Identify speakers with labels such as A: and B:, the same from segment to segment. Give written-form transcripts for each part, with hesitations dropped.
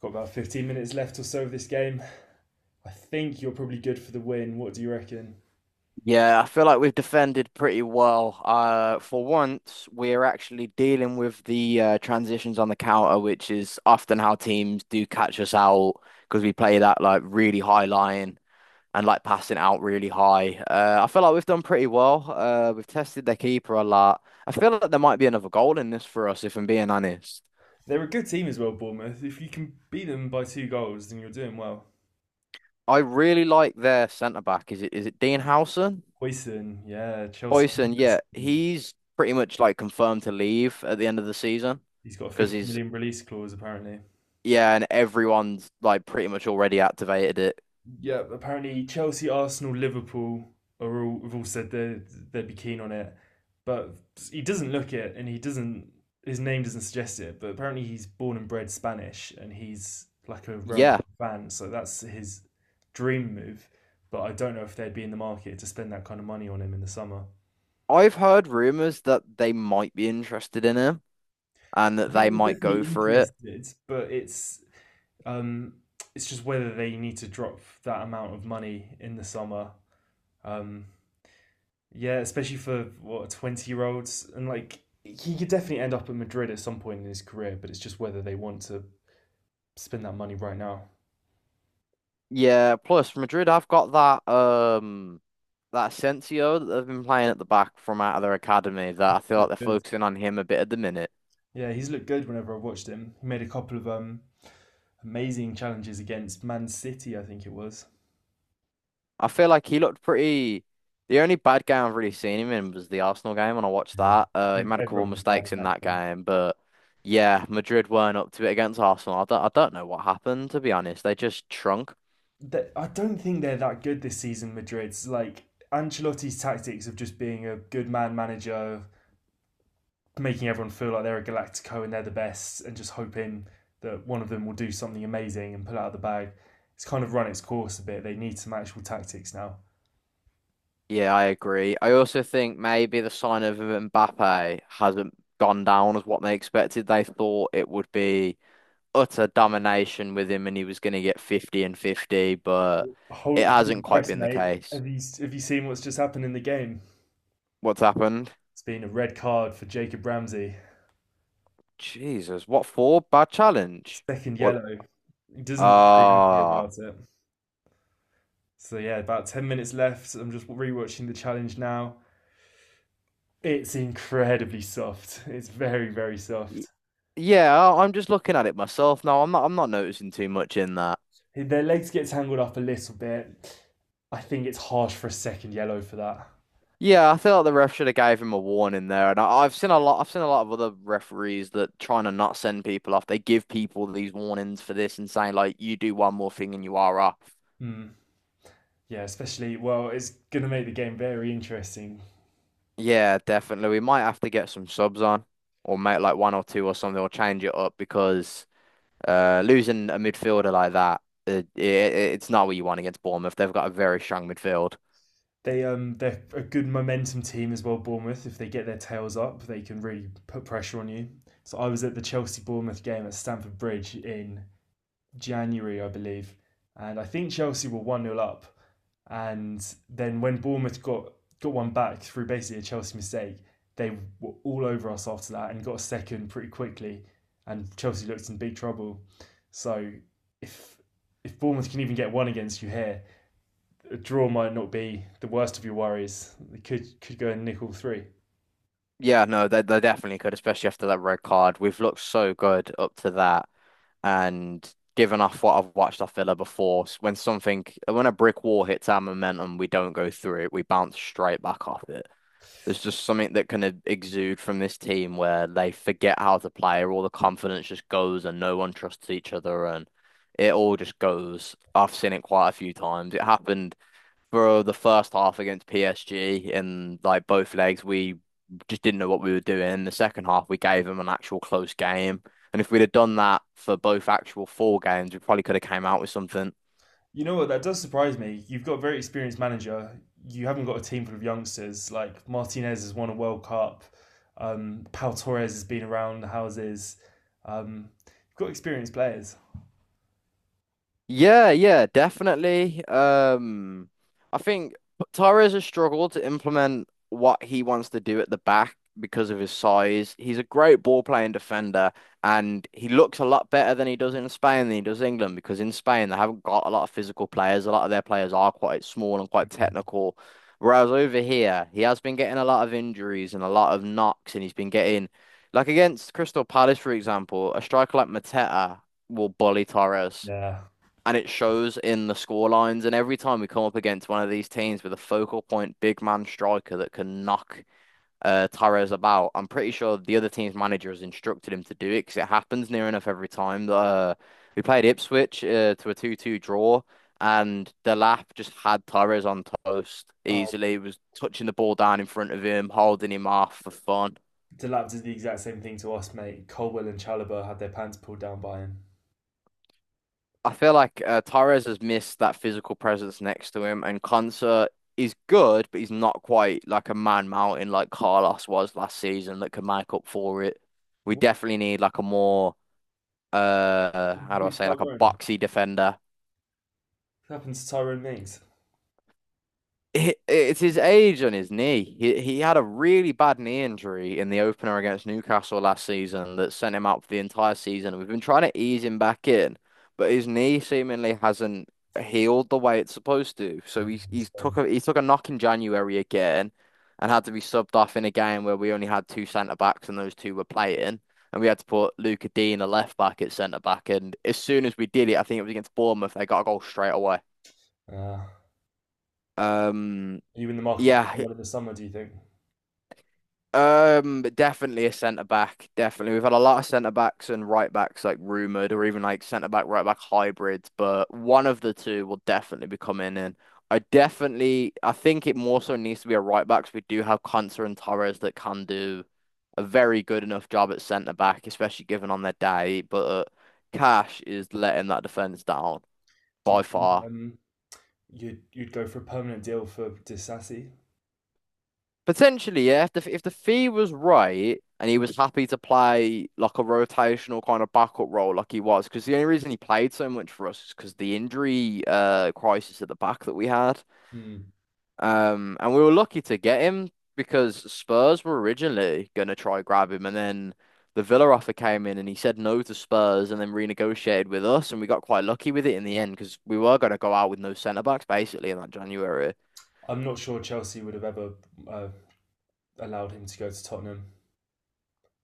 A: Got about 15 minutes left or so of this game. I think you're probably good for the win. What do you reckon?
B: Yeah, I feel like we've defended pretty well. For once, we're actually dealing with the transitions on the counter, which is often how teams do catch us out because we play that like really high line and like passing out really high. I feel like we've done pretty well. We've tested their keeper a lot. I feel like there might be another goal in this for us, if I'm being honest.
A: They're a good team as well, Bournemouth. If you can beat them by two goals, then you're doing well.
B: I really like their centre back. Is it Dean Howson?
A: Hoyson, yeah, Chelsea.
B: Boyson, yeah, he's pretty much like confirmed to leave at the end of the season
A: He's got a
B: because
A: 50
B: he's,
A: million release clause apparently.
B: yeah, and everyone's like pretty much already activated it.
A: Yeah, apparently Chelsea, Arsenal, Liverpool are all have all said they'd be keen on it, but he doesn't look it, and he doesn't. His name doesn't suggest it, but apparently he's born and bred Spanish, and he's like a Real Madrid
B: Yeah,
A: fan, so that's his dream move. But I don't know if they'd be in the market to spend that kind of money on him in the summer.
B: I've heard rumors that they might be interested in him and
A: I
B: that
A: think
B: they
A: they're
B: might go
A: definitely
B: for it.
A: interested, but um, it's just whether they need to drop that amount of money in the summer. um, Yeah, especially for what, 20 year olds, and like he could definitely end up at Madrid at some point in his career, but it's just whether they want to spend that money right now.
B: Yeah, plus Madrid have got that Asensio that they've been playing at the back from out of their academy that I feel like
A: Look
B: they're
A: good.
B: focusing on him a bit at the minute.
A: Yeah, he's looked good whenever I've watched him. He made a couple of amazing challenges against Man City, I think it was.
B: I feel like he looked pretty. The only bad game I've really seen him in was the Arsenal game when I watched
A: Yeah.
B: that. He made a couple of
A: Everyone was bad in
B: mistakes in
A: that
B: that
A: game.
B: game, but yeah, Madrid weren't up to it against Arsenal. I don't know what happened, to be honest. They just shrunk.
A: That, I don't think they're that good this season. Madrid's like Ancelotti's tactics of just being a good man manager, making everyone feel like they're a Galactico and they're the best, and just hoping that one of them will do something amazing and pull out of the bag. It's kind of run its course a bit. They need some actual tactics now.
B: Yeah, I agree. I also think maybe the sign of Mbappe hasn't gone down as what they expected. They thought it would be utter domination with him and he was going to get 50 and 50, but it
A: Hold
B: hasn't
A: the
B: quite
A: press,
B: been the
A: mate.
B: case.
A: Have you seen what's just happened in the game?
B: What's happened?
A: It's been a red card for Jacob Ramsey.
B: Jesus, what for? Bad challenge?
A: Second
B: Well,
A: yellow. He doesn't look very happy
B: ah,
A: about it. So yeah, about 10 minutes left. I'm just rewatching the challenge now. It's incredibly soft. It's very very
B: y-
A: soft.
B: yeah. I- I'm just looking at it myself now. I'm not. I'm not noticing too much in that.
A: Their legs get tangled up a little bit. I think it's harsh for a second yellow for that.
B: Yeah, I feel like the ref should have gave him a warning there. And I've seen a lot. I've seen a lot of other referees that trying to not send people off. They give people these warnings for this and saying like, you do one more thing and you are off.
A: Mm. Yeah, especially, well, it's gonna make the game very interesting.
B: Yeah, definitely. We might have to get some subs on, or make like one or two or something, or change it up because. Losing a midfielder like that, it's not what you want against Bournemouth. They've got a very strong midfield.
A: They're a good momentum team as well, Bournemouth. If they get their tails up, they can really put pressure on you. So I was at the Chelsea Bournemouth game at Stamford Bridge in January, I believe, and I think Chelsea were one nil up. And then when Bournemouth got one back through basically a Chelsea mistake, they were all over us after that and got a second pretty quickly. And Chelsea looked in big trouble. So if if Bournemouth can even get one against you here, a draw might not be the worst of your worries. They could go and nick all three.
B: Yeah, no, they definitely could, especially after that red card. We've looked so good up to that, and given off what I've watched off Villa before, when a brick wall hits our momentum, we don't go through it. We bounce straight back off it. There's just something that kind of exude from this team where they forget how to play, or all the confidence just goes, and no one trusts each other, and it all just goes. I've seen it quite a few times. It happened for the first half against PSG, and like both legs, we just didn't know what we were doing. In the second half, we gave them an actual close game, and if we'd have done that for both actual four games, we probably could have came out with something.
A: You know what? That does surprise me. You've got a very experienced manager. You haven't got a team full of youngsters. Like Martinez has won a World Cup. Pal Torres has been around the houses. You've got experienced players.
B: Yeah, yeah, definitely. I think Torres has struggled to implement what he wants to do at the back because of his size. He's a great ball playing defender, and he looks a lot better than he does in Spain than he does England because in Spain they haven't got a lot of physical players. A lot of their players are quite small and quite technical. Whereas over here, he has been getting a lot of injuries and a lot of knocks, and he's been getting, like against Crystal Palace, for example, a striker like Mateta will bully Torres
A: Yeah.
B: and it shows in the score lines. And every time we come up against one of these teams with a focal point big man striker that can knock Torres about, I'm pretty sure the other team's manager has instructed him to do it because it happens near enough every time. We played Ipswich to a 2-2 draw. And the lap just had Torres on toast
A: Oh,
B: easily. He was touching the ball down in front of him, holding him off for fun.
A: Delap did the exact same thing to us, mate. Colwell and Chalobah had their pants pulled down by him.
B: I feel like Torres has missed that physical presence next to him, and Konsa is good, but he's not quite like a man mountain like Carlos was last season that can make up for it. We
A: What
B: definitely need like a more,
A: happened
B: how
A: to
B: do I
A: Big
B: say, like a
A: Tyrone?
B: boxy defender.
A: What happened to Tyrone Mings?
B: It's his age on his knee. He had a really bad knee injury in the opener against Newcastle last season that sent him out for the entire season. We've been trying to ease him back in, but his knee seemingly hasn't healed the way it's supposed to. So he
A: It's
B: he's took
A: gone.
B: a he took a knock in January again, and had to be subbed off in a game where we only had two centre backs and those two were playing. And we had to put Luca Dean, a left back, at centre back. And as soon as we did it, I think it was against Bournemouth, they got a goal straight away.
A: Are
B: Um,
A: you in the market for
B: yeah,
A: someone in the summer, do you think?
B: Um, definitely a centre back. Definitely, we've had a lot of centre backs and right backs like rumored, or even like centre back right back hybrids. But one of the two will definitely be coming in. I think it more so needs to be a right back 'cause we do have Konsa and Torres that can do a very good enough job at centre back, especially given on their day. But Cash is letting that defence down
A: Do
B: by
A: you think
B: far.
A: you'd go for a permanent deal for Disassi?
B: Potentially, yeah. If the fee was right and he was happy to play like a rotational kind of backup role, like he was, because the only reason he played so much for us is because the injury crisis at the back that we had.
A: Hmm.
B: And we were lucky to get him because Spurs were originally gonna try grab him, and then the Villa offer came in and he said no to Spurs and then renegotiated with us, and we got quite lucky with it in the end because we were gonna go out with no centre backs basically in that January.
A: I'm not sure Chelsea would have ever uh, allowed him to go to Tottenham.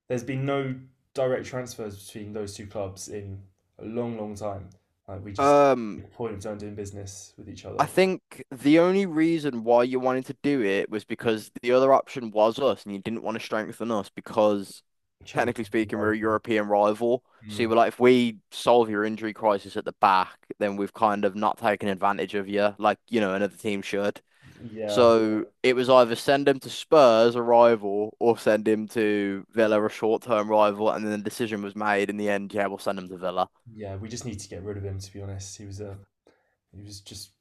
A: There's been no direct transfers between those two clubs in a long, long time. Like we just
B: Um,
A: make a point of don't doing business with each other.
B: I think the only reason why you wanted to do it was because the other option was us, and you didn't want to strengthen us because,
A: Champions
B: technically
A: League
B: speaking, we're a
A: rival.
B: European rival. So you
A: Mm,
B: were like, if we solve your injury crisis at the back, then we've kind of not taken advantage of you, like, you know, another team should.
A: yeah,
B: So it was either send him to Spurs, a rival, or send him to Villa, a short-term rival, and then the decision was made in the end, yeah, we'll send him to Villa.
A: yeah. We just need to get rid of him. To be honest, he was just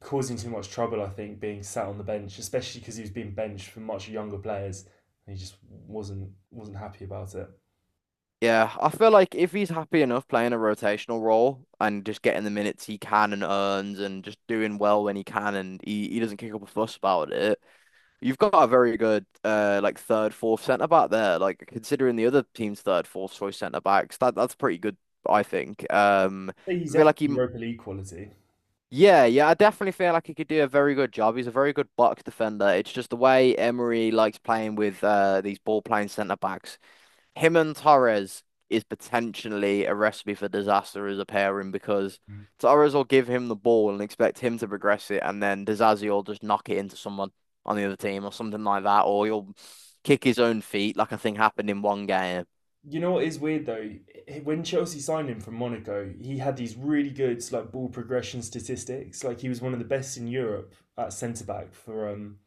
A: causing too much trouble. I think being sat on the bench, especially because he was being benched for much younger players, and he just wasn't happy about it.
B: Yeah, I feel like if he's happy enough playing a rotational role and just getting the minutes he can and earns and just doing well when he can and he doesn't kick up a fuss about it, you've got a very good like third, fourth centre back there. Like considering the other team's third, fourth choice centre backs, that's pretty good, I think.
A: He's
B: I feel
A: definitely
B: like he,
A: Europa League quality.
B: Yeah, yeah, I definitely feel like he could do a very good job. He's a very good box defender. It's just the way Emery likes playing with these ball playing centre backs, him and Torres, is potentially a recipe for disaster as a pairing because Torres will give him the ball and expect him to progress it, and then Disasi will just knock it into someone on the other team or something like that, or he'll kick his own feet like I think happened in one game.
A: You know what is weird though? When Chelsea signed him from Monaco, he had these really good like ball progression statistics. Like he was one of the best in Europe at centre back for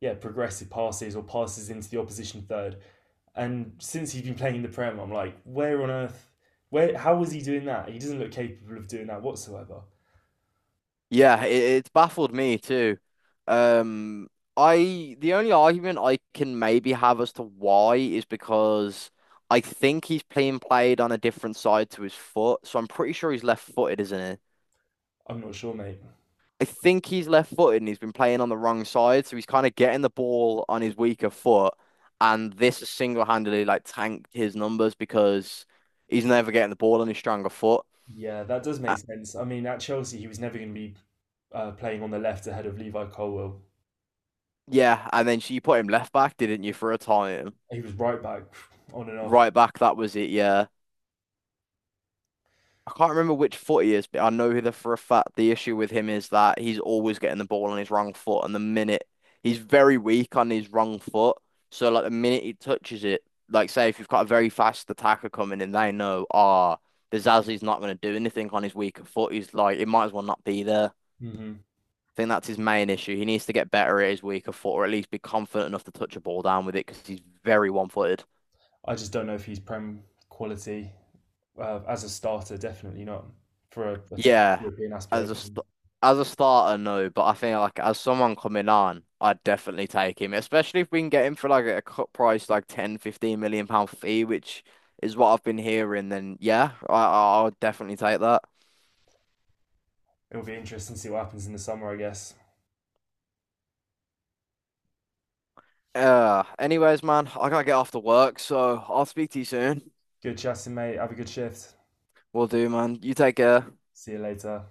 A: yeah progressive passes or passes into the opposition third. And since he's been playing in the Prem, I'm like, where on earth? Where? How was he doing that? He doesn't look capable of doing that whatsoever.
B: Yeah, it, it's baffled me too. Um, I the only argument I can maybe have as to why is because I think he's being played on a different side to his foot, so I'm pretty sure he's left-footed, isn't he?
A: I'm not sure, mate.
B: I think he's left footed and he's been playing on the wrong side, so he's kind of getting the ball on his weaker foot, and this has single handedly like tanked his numbers because he's never getting the ball on his stronger foot.
A: Yeah, that does
B: Uh,
A: make sense. I mean, at Chelsea, he was never going to be playing on the left ahead of Levi Colwell.
B: yeah, and then you put him left back, didn't you, for a time?
A: He was right back on and off.
B: Right back, that was it. Yeah, I can't remember which foot he is, but I know that for a fact the issue with him is that he's always getting the ball on his wrong foot, and the minute he's very weak on his wrong foot, so like the minute he touches it, like say if you've got a very fast attacker coming in, they know, ah, oh, the Zazi's not going to do anything on his weaker foot. He's like it might as well not be there.
A: hmm
B: I think that's his main issue. He needs to get better at his weaker foot, or at least be confident enough to touch a ball down with it because he's very one-footed.
A: I just don't know if he's prem quality as a starter. Definitely not for a team with
B: Yeah,
A: European
B: as a st
A: aspirations.
B: as a starter, no, but I think like as someone coming on, I'd definitely take him, especially if we can get him for like a cut price, like 10, £15 million fee, which is what I've been hearing. Then yeah, I'll definitely take that.
A: It'll be interesting to see what happens in the summer, I guess.
B: Man, I gotta get off to work, so I'll speak to you soon.
A: Good chatting, mate. Have a good shift.
B: Will do, man. You take care.
A: See you later.